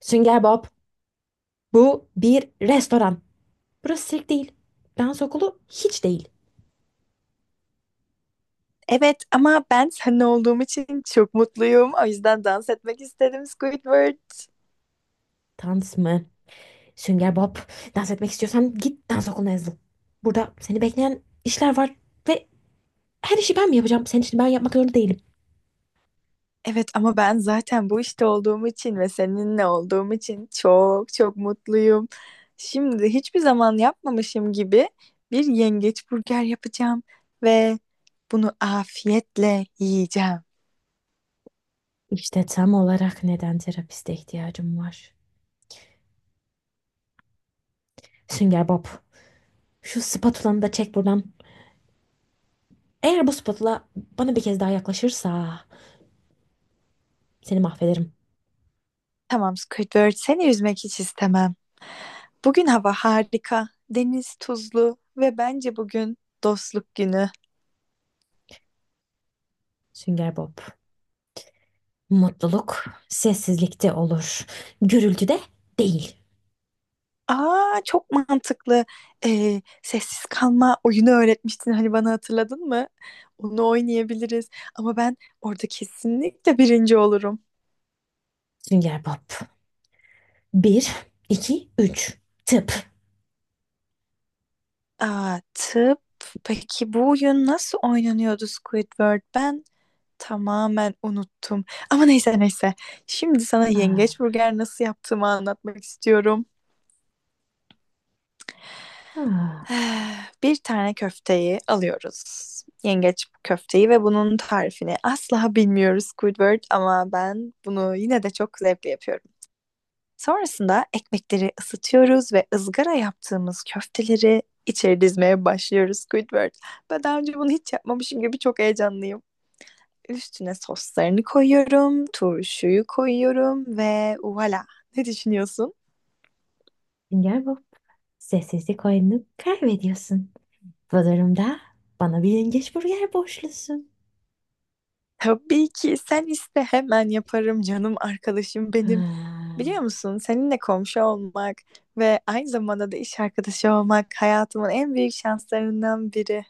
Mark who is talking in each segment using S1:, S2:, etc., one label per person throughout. S1: Sünger Bob, bu bir restoran. Burası sirk değil. Dans okulu hiç değil.
S2: Evet ama ben seninle olduğum için çok mutluyum. O yüzden dans etmek istedim Squidward.
S1: Dans mı? Sünger Bob, dans etmek istiyorsan git dans okuluna yazıl. Burada seni bekleyen işler var ve her işi ben mi yapacağım? Senin için ben yapmak zorunda değilim.
S2: Evet ama ben zaten bu işte olduğum için ve seninle olduğum için çok çok mutluyum. Şimdi hiçbir zaman yapmamışım gibi bir yengeç burger yapacağım ve bunu afiyetle yiyeceğim.
S1: İşte tam olarak neden terapiste ihtiyacım var. Sünger Bob, şu spatulanı da çek buradan. Eğer bu spatula bana bir kez daha yaklaşırsa seni mahvederim.
S2: Tamam Squidward, seni üzmek hiç istemem. Bugün hava harika, deniz tuzlu ve bence bugün dostluk günü.
S1: Sünger Bob, mutluluk sessizlikte olur, gürültüde değil.
S2: Aa, çok mantıklı. Sessiz kalma oyunu öğretmiştin hani, bana hatırladın mı? Onu oynayabiliriz. Ama ben orada kesinlikle birinci olurum.
S1: Sünger Bob. Bir, iki, üç. Tıp.
S2: Aa, tıp. Peki bu oyun nasıl oynanıyordu Squidward? Ben tamamen unuttum. Ama neyse neyse. Şimdi sana
S1: Ah,
S2: yengeç burger nasıl yaptığımı anlatmak istiyorum.
S1: ah.
S2: Eh, bir tane köfteyi alıyoruz. Yengeç köfteyi ve bunun tarifini asla bilmiyoruz Squidward, ama ben bunu yine de çok zevkle yapıyorum. Sonrasında ekmekleri ısıtıyoruz ve ızgara yaptığımız köfteleri içeri dizmeye başlıyoruz Squidward. Ben daha önce bunu hiç yapmamışım gibi çok heyecanlıyım. Üstüne soslarını koyuyorum, turşuyu koyuyorum ve voilà. Ne düşünüyorsun?
S1: Sünger Bob. Sessizlik oyununu kaybediyorsun. Bu durumda bana bir yengeç burger borçlusun.
S2: Tabii ki, sen iste hemen yaparım canım arkadaşım benim.
S1: Ah,
S2: Biliyor musun, seninle komşu olmak ve aynı zamanda da iş arkadaşı olmak hayatımın en büyük şanslarından biri.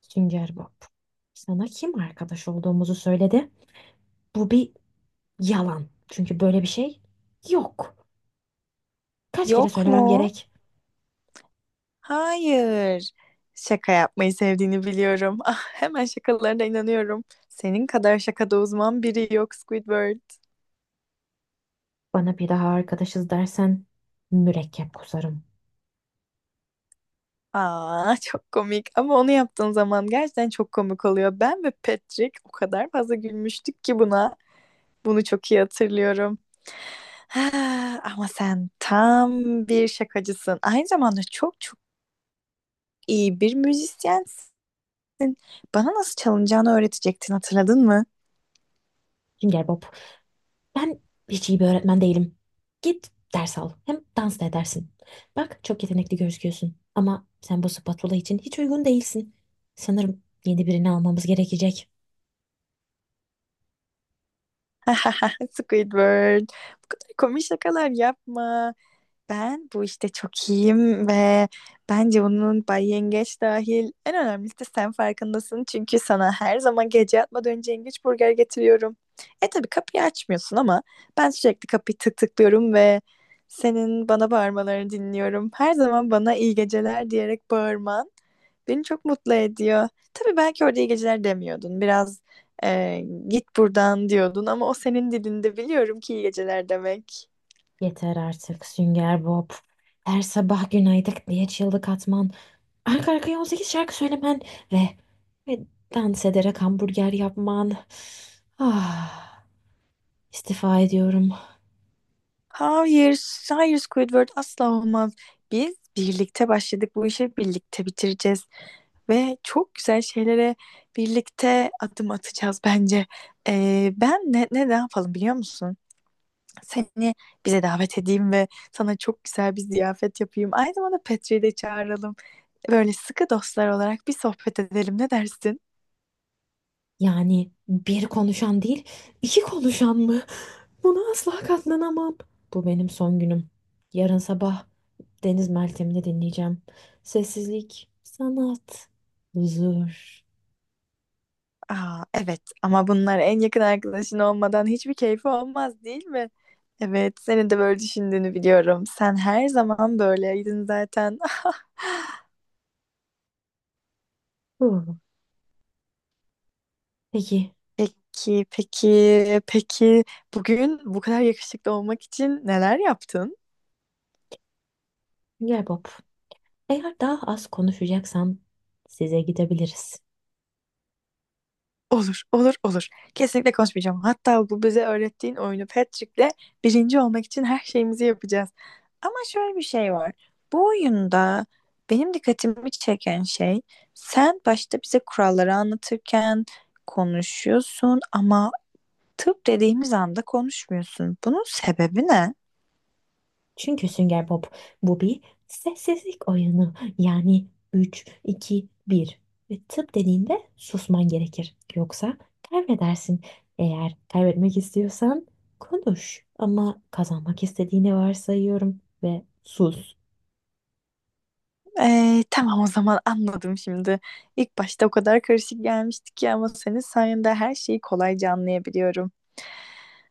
S1: Sünger Bob. Sana kim arkadaş olduğumuzu söyledi? Bu bir yalan. Çünkü böyle bir şey yok. Kaç kere
S2: Yok
S1: söylemem
S2: mu?
S1: gerek?
S2: Hayır. Şaka yapmayı sevdiğini biliyorum. Ah, hemen şakalarına inanıyorum. Senin kadar şakada uzman biri yok Squidward.
S1: Bana bir daha arkadaşız dersen mürekkep kusarım.
S2: Aa, çok komik. Ama onu yaptığın zaman gerçekten çok komik oluyor. Ben ve Patrick o kadar fazla gülmüştük ki buna. Bunu çok iyi hatırlıyorum. Ha, ama sen tam bir şakacısın. Aynı zamanda çok çok iyi bir müzisyensin. Bana nasıl çalınacağını öğretecektin, hatırladın mı?
S1: Sünger Bob. Ben hiç iyi bir öğretmen değilim. Git ders al. Hem dans da edersin. Bak çok yetenekli gözüküyorsun. Ama sen bu spatula için hiç uygun değilsin. Sanırım yeni birini almamız gerekecek.
S2: Squidward. Bu kadar komik şakalar yapma. Ben bu işte çok iyiyim ve bence bunun, Bay Yengeç dahil, en önemlisi de sen farkındasın. Çünkü sana her zaman gece yatmadan önce yengeç burger getiriyorum. E tabii kapıyı açmıyorsun ama ben sürekli kapıyı tık tıklıyorum ve senin bana bağırmalarını dinliyorum. Her zaman bana iyi geceler diyerek bağırman beni çok mutlu ediyor. Tabii belki orada iyi geceler demiyordun. Biraz e, git buradan diyordun ama o senin dilinde, biliyorum ki, iyi geceler demek.
S1: Yeter artık Sünger Bob. Her sabah günaydın diye çığlık atman. Arka arkaya 18 şarkı söylemen. Ve, ve dans ederek hamburger yapman. Ah, istifa ediyorum.
S2: Hayır, hayır Squidward, asla olmaz. Biz birlikte başladık, bu işi birlikte bitireceğiz ve çok güzel şeylere birlikte adım atacağız bence. Ben ne yapalım biliyor musun? Seni bize davet edeyim ve sana çok güzel bir ziyafet yapayım. Aynı zamanda Petri'yi de çağıralım. Böyle sıkı dostlar olarak bir sohbet edelim, ne dersin?
S1: Yani bir konuşan değil, iki konuşan mı? Buna asla katlanamam. Bu benim son günüm. Yarın sabah Deniz Meltem'ini dinleyeceğim. Sessizlik, sanat, huzur.
S2: Aa, evet ama bunlar en yakın arkadaşın olmadan hiçbir keyfi olmaz, değil mi? Evet, senin de böyle düşündüğünü biliyorum. Sen her zaman böyleydin zaten.
S1: Huh. Peki,
S2: Peki, peki, peki, bugün bu kadar yakışıklı olmak için neler yaptın?
S1: gel Bob. Eğer daha az konuşacaksan size gidebiliriz.
S2: Olur, olur, olur. Kesinlikle konuşmayacağım. Hatta bu bize öğrettiğin oyunu Patrick'le birinci olmak için her şeyimizi yapacağız. Ama şöyle bir şey var. Bu oyunda benim dikkatimi çeken şey, sen başta bize kuralları anlatırken konuşuyorsun ama tıp dediğimiz anda konuşmuyorsun. Bunun sebebi ne?
S1: Çünkü Sünger Bob bu bir sessizlik oyunu. Yani üç iki bir ve tıp dediğinde susman gerekir. Yoksa kaybedersin. Eğer kaybetmek istiyorsan konuş. Ama kazanmak istediğini varsayıyorum ve sus.
S2: Tamam, o zaman anladım şimdi. İlk başta o kadar karışık gelmişti ki, ama senin sayende her şeyi kolayca anlayabiliyorum.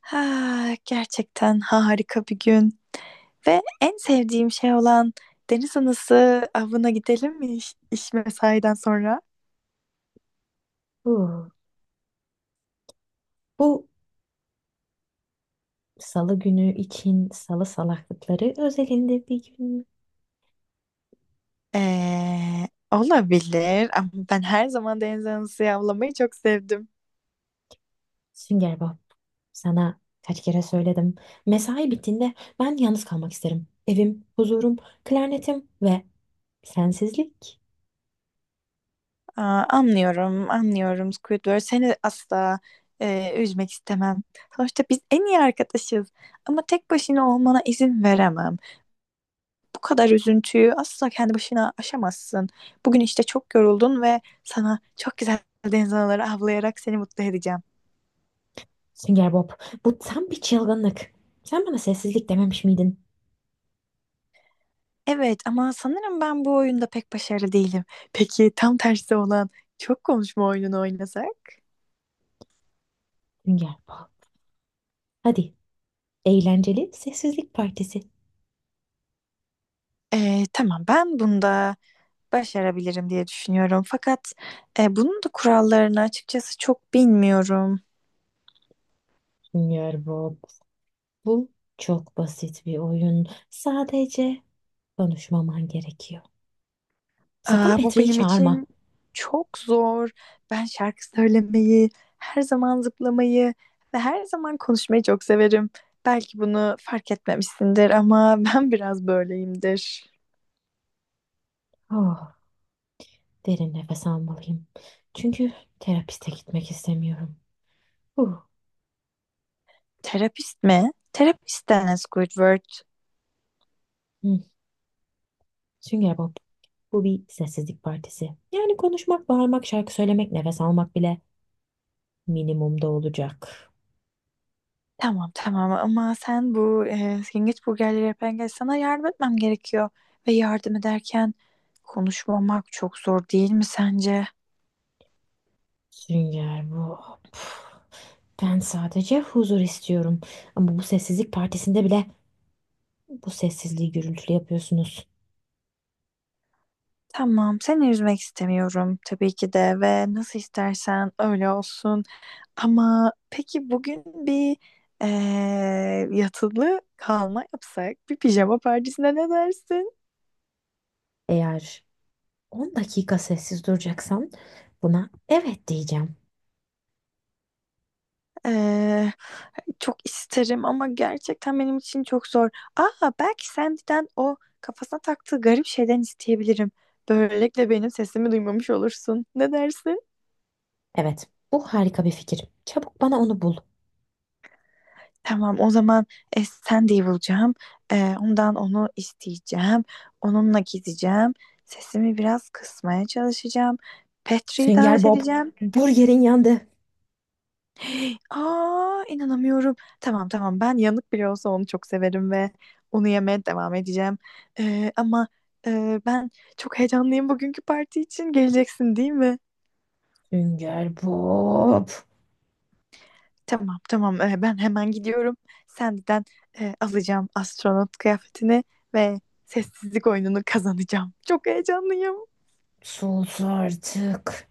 S2: Ha, gerçekten harika bir gün. Ve en sevdiğim şey olan deniz anası avına gidelim mi iş mesaiden sonra?
S1: Huh. Bu salı günü için salı salaklıkları özelinde bir gün.
S2: Olabilir ama ben her zaman deniz anası avlamayı çok sevdim.
S1: Sünger Bob, sana kaç kere söyledim. Mesai bittiğinde ben yalnız kalmak isterim. Evim, huzurum, klarnetim ve sensizlik.
S2: Aa, anlıyorum, anlıyorum Squidward. Seni asla üzmek istemem. Sonuçta biz en iyi arkadaşız. Ama tek başına olmana izin veremem. Bu kadar üzüntüyü asla kendi başına aşamazsın. Bugün işte çok yoruldun ve sana çok güzel deniz anaları avlayarak seni mutlu edeceğim.
S1: Sünger Bob, bu tam bir çılgınlık. Sen bana sessizlik dememiş miydin?
S2: Evet ama sanırım ben bu oyunda pek başarılı değilim. Peki tam tersi olan çok konuşma oyununu oynasak?
S1: Sünger Bob. Hadi, eğlenceli sessizlik partisi.
S2: Tamam, ben bunda başarabilirim diye düşünüyorum. Fakat bunun da kurallarını açıkçası çok bilmiyorum.
S1: Sünger Bob, bu çok basit bir oyun. Sadece konuşmaman gerekiyor. Sakın
S2: Aa, bu
S1: Petri'yi
S2: benim
S1: çağırma.
S2: için çok zor. Ben şarkı söylemeyi, her zaman zıplamayı ve her zaman konuşmayı çok severim. Belki bunu fark etmemişsindir ama ben biraz böyleyimdir.
S1: Oh, derin nefes almalıyım. Çünkü terapiste gitmek istemiyorum. Huh.
S2: Terapist mi? Terapist denen Squidward.
S1: Hmm. Sünger Bob. Bu bir sessizlik partisi. Yani konuşmak, bağırmak, şarkı söylemek, nefes almak bile minimumda olacak.
S2: Tamam, tamam ama sen bu yengeç burgerleri yapan gel, sana yardım etmem gerekiyor. Ve yardım ederken konuşmamak çok zor değil mi sence?
S1: Sünger Bob. Ben sadece huzur istiyorum. Ama bu sessizlik partisinde bile bu sessizliği gürültülü yapıyorsunuz.
S2: Tamam, seni üzmek istemiyorum tabii ki de, ve nasıl istersen öyle olsun. Ama peki bugün bir e, yatılı kalma yapsak, bir pijama partisine ne dersin?
S1: Eğer 10 dakika sessiz duracaksan buna evet diyeceğim.
S2: Ee, Çok isterim ama gerçekten benim için çok zor. Aa, belki Sandy'den o kafasına taktığı garip şeyden isteyebilirim. Böylelikle benim sesimi duymamış olursun. Ne dersin?
S1: Evet, bu harika bir fikir. Çabuk bana onu bul.
S2: Tamam, o zaman Sandy'yi bulacağım. Ondan onu isteyeceğim. Onunla gideceğim. Sesimi biraz kısmaya çalışacağım. Petri'yi
S1: Sünger
S2: davet
S1: Bob,
S2: edeceğim.
S1: burgerin yandı.
S2: Aa, inanamıyorum. Tamam, tamam, ben yanık bile olsa onu çok severim ve onu yemeye devam edeceğim. Ee, ama ben çok heyecanlıyım bugünkü parti için. Geleceksin değil mi?
S1: Sünger Bob,
S2: Tamam, tamam. Ben hemen gidiyorum. Senden alacağım astronot kıyafetini ve sessizlik oyununu kazanacağım. Çok heyecanlıyım.
S1: sus artık.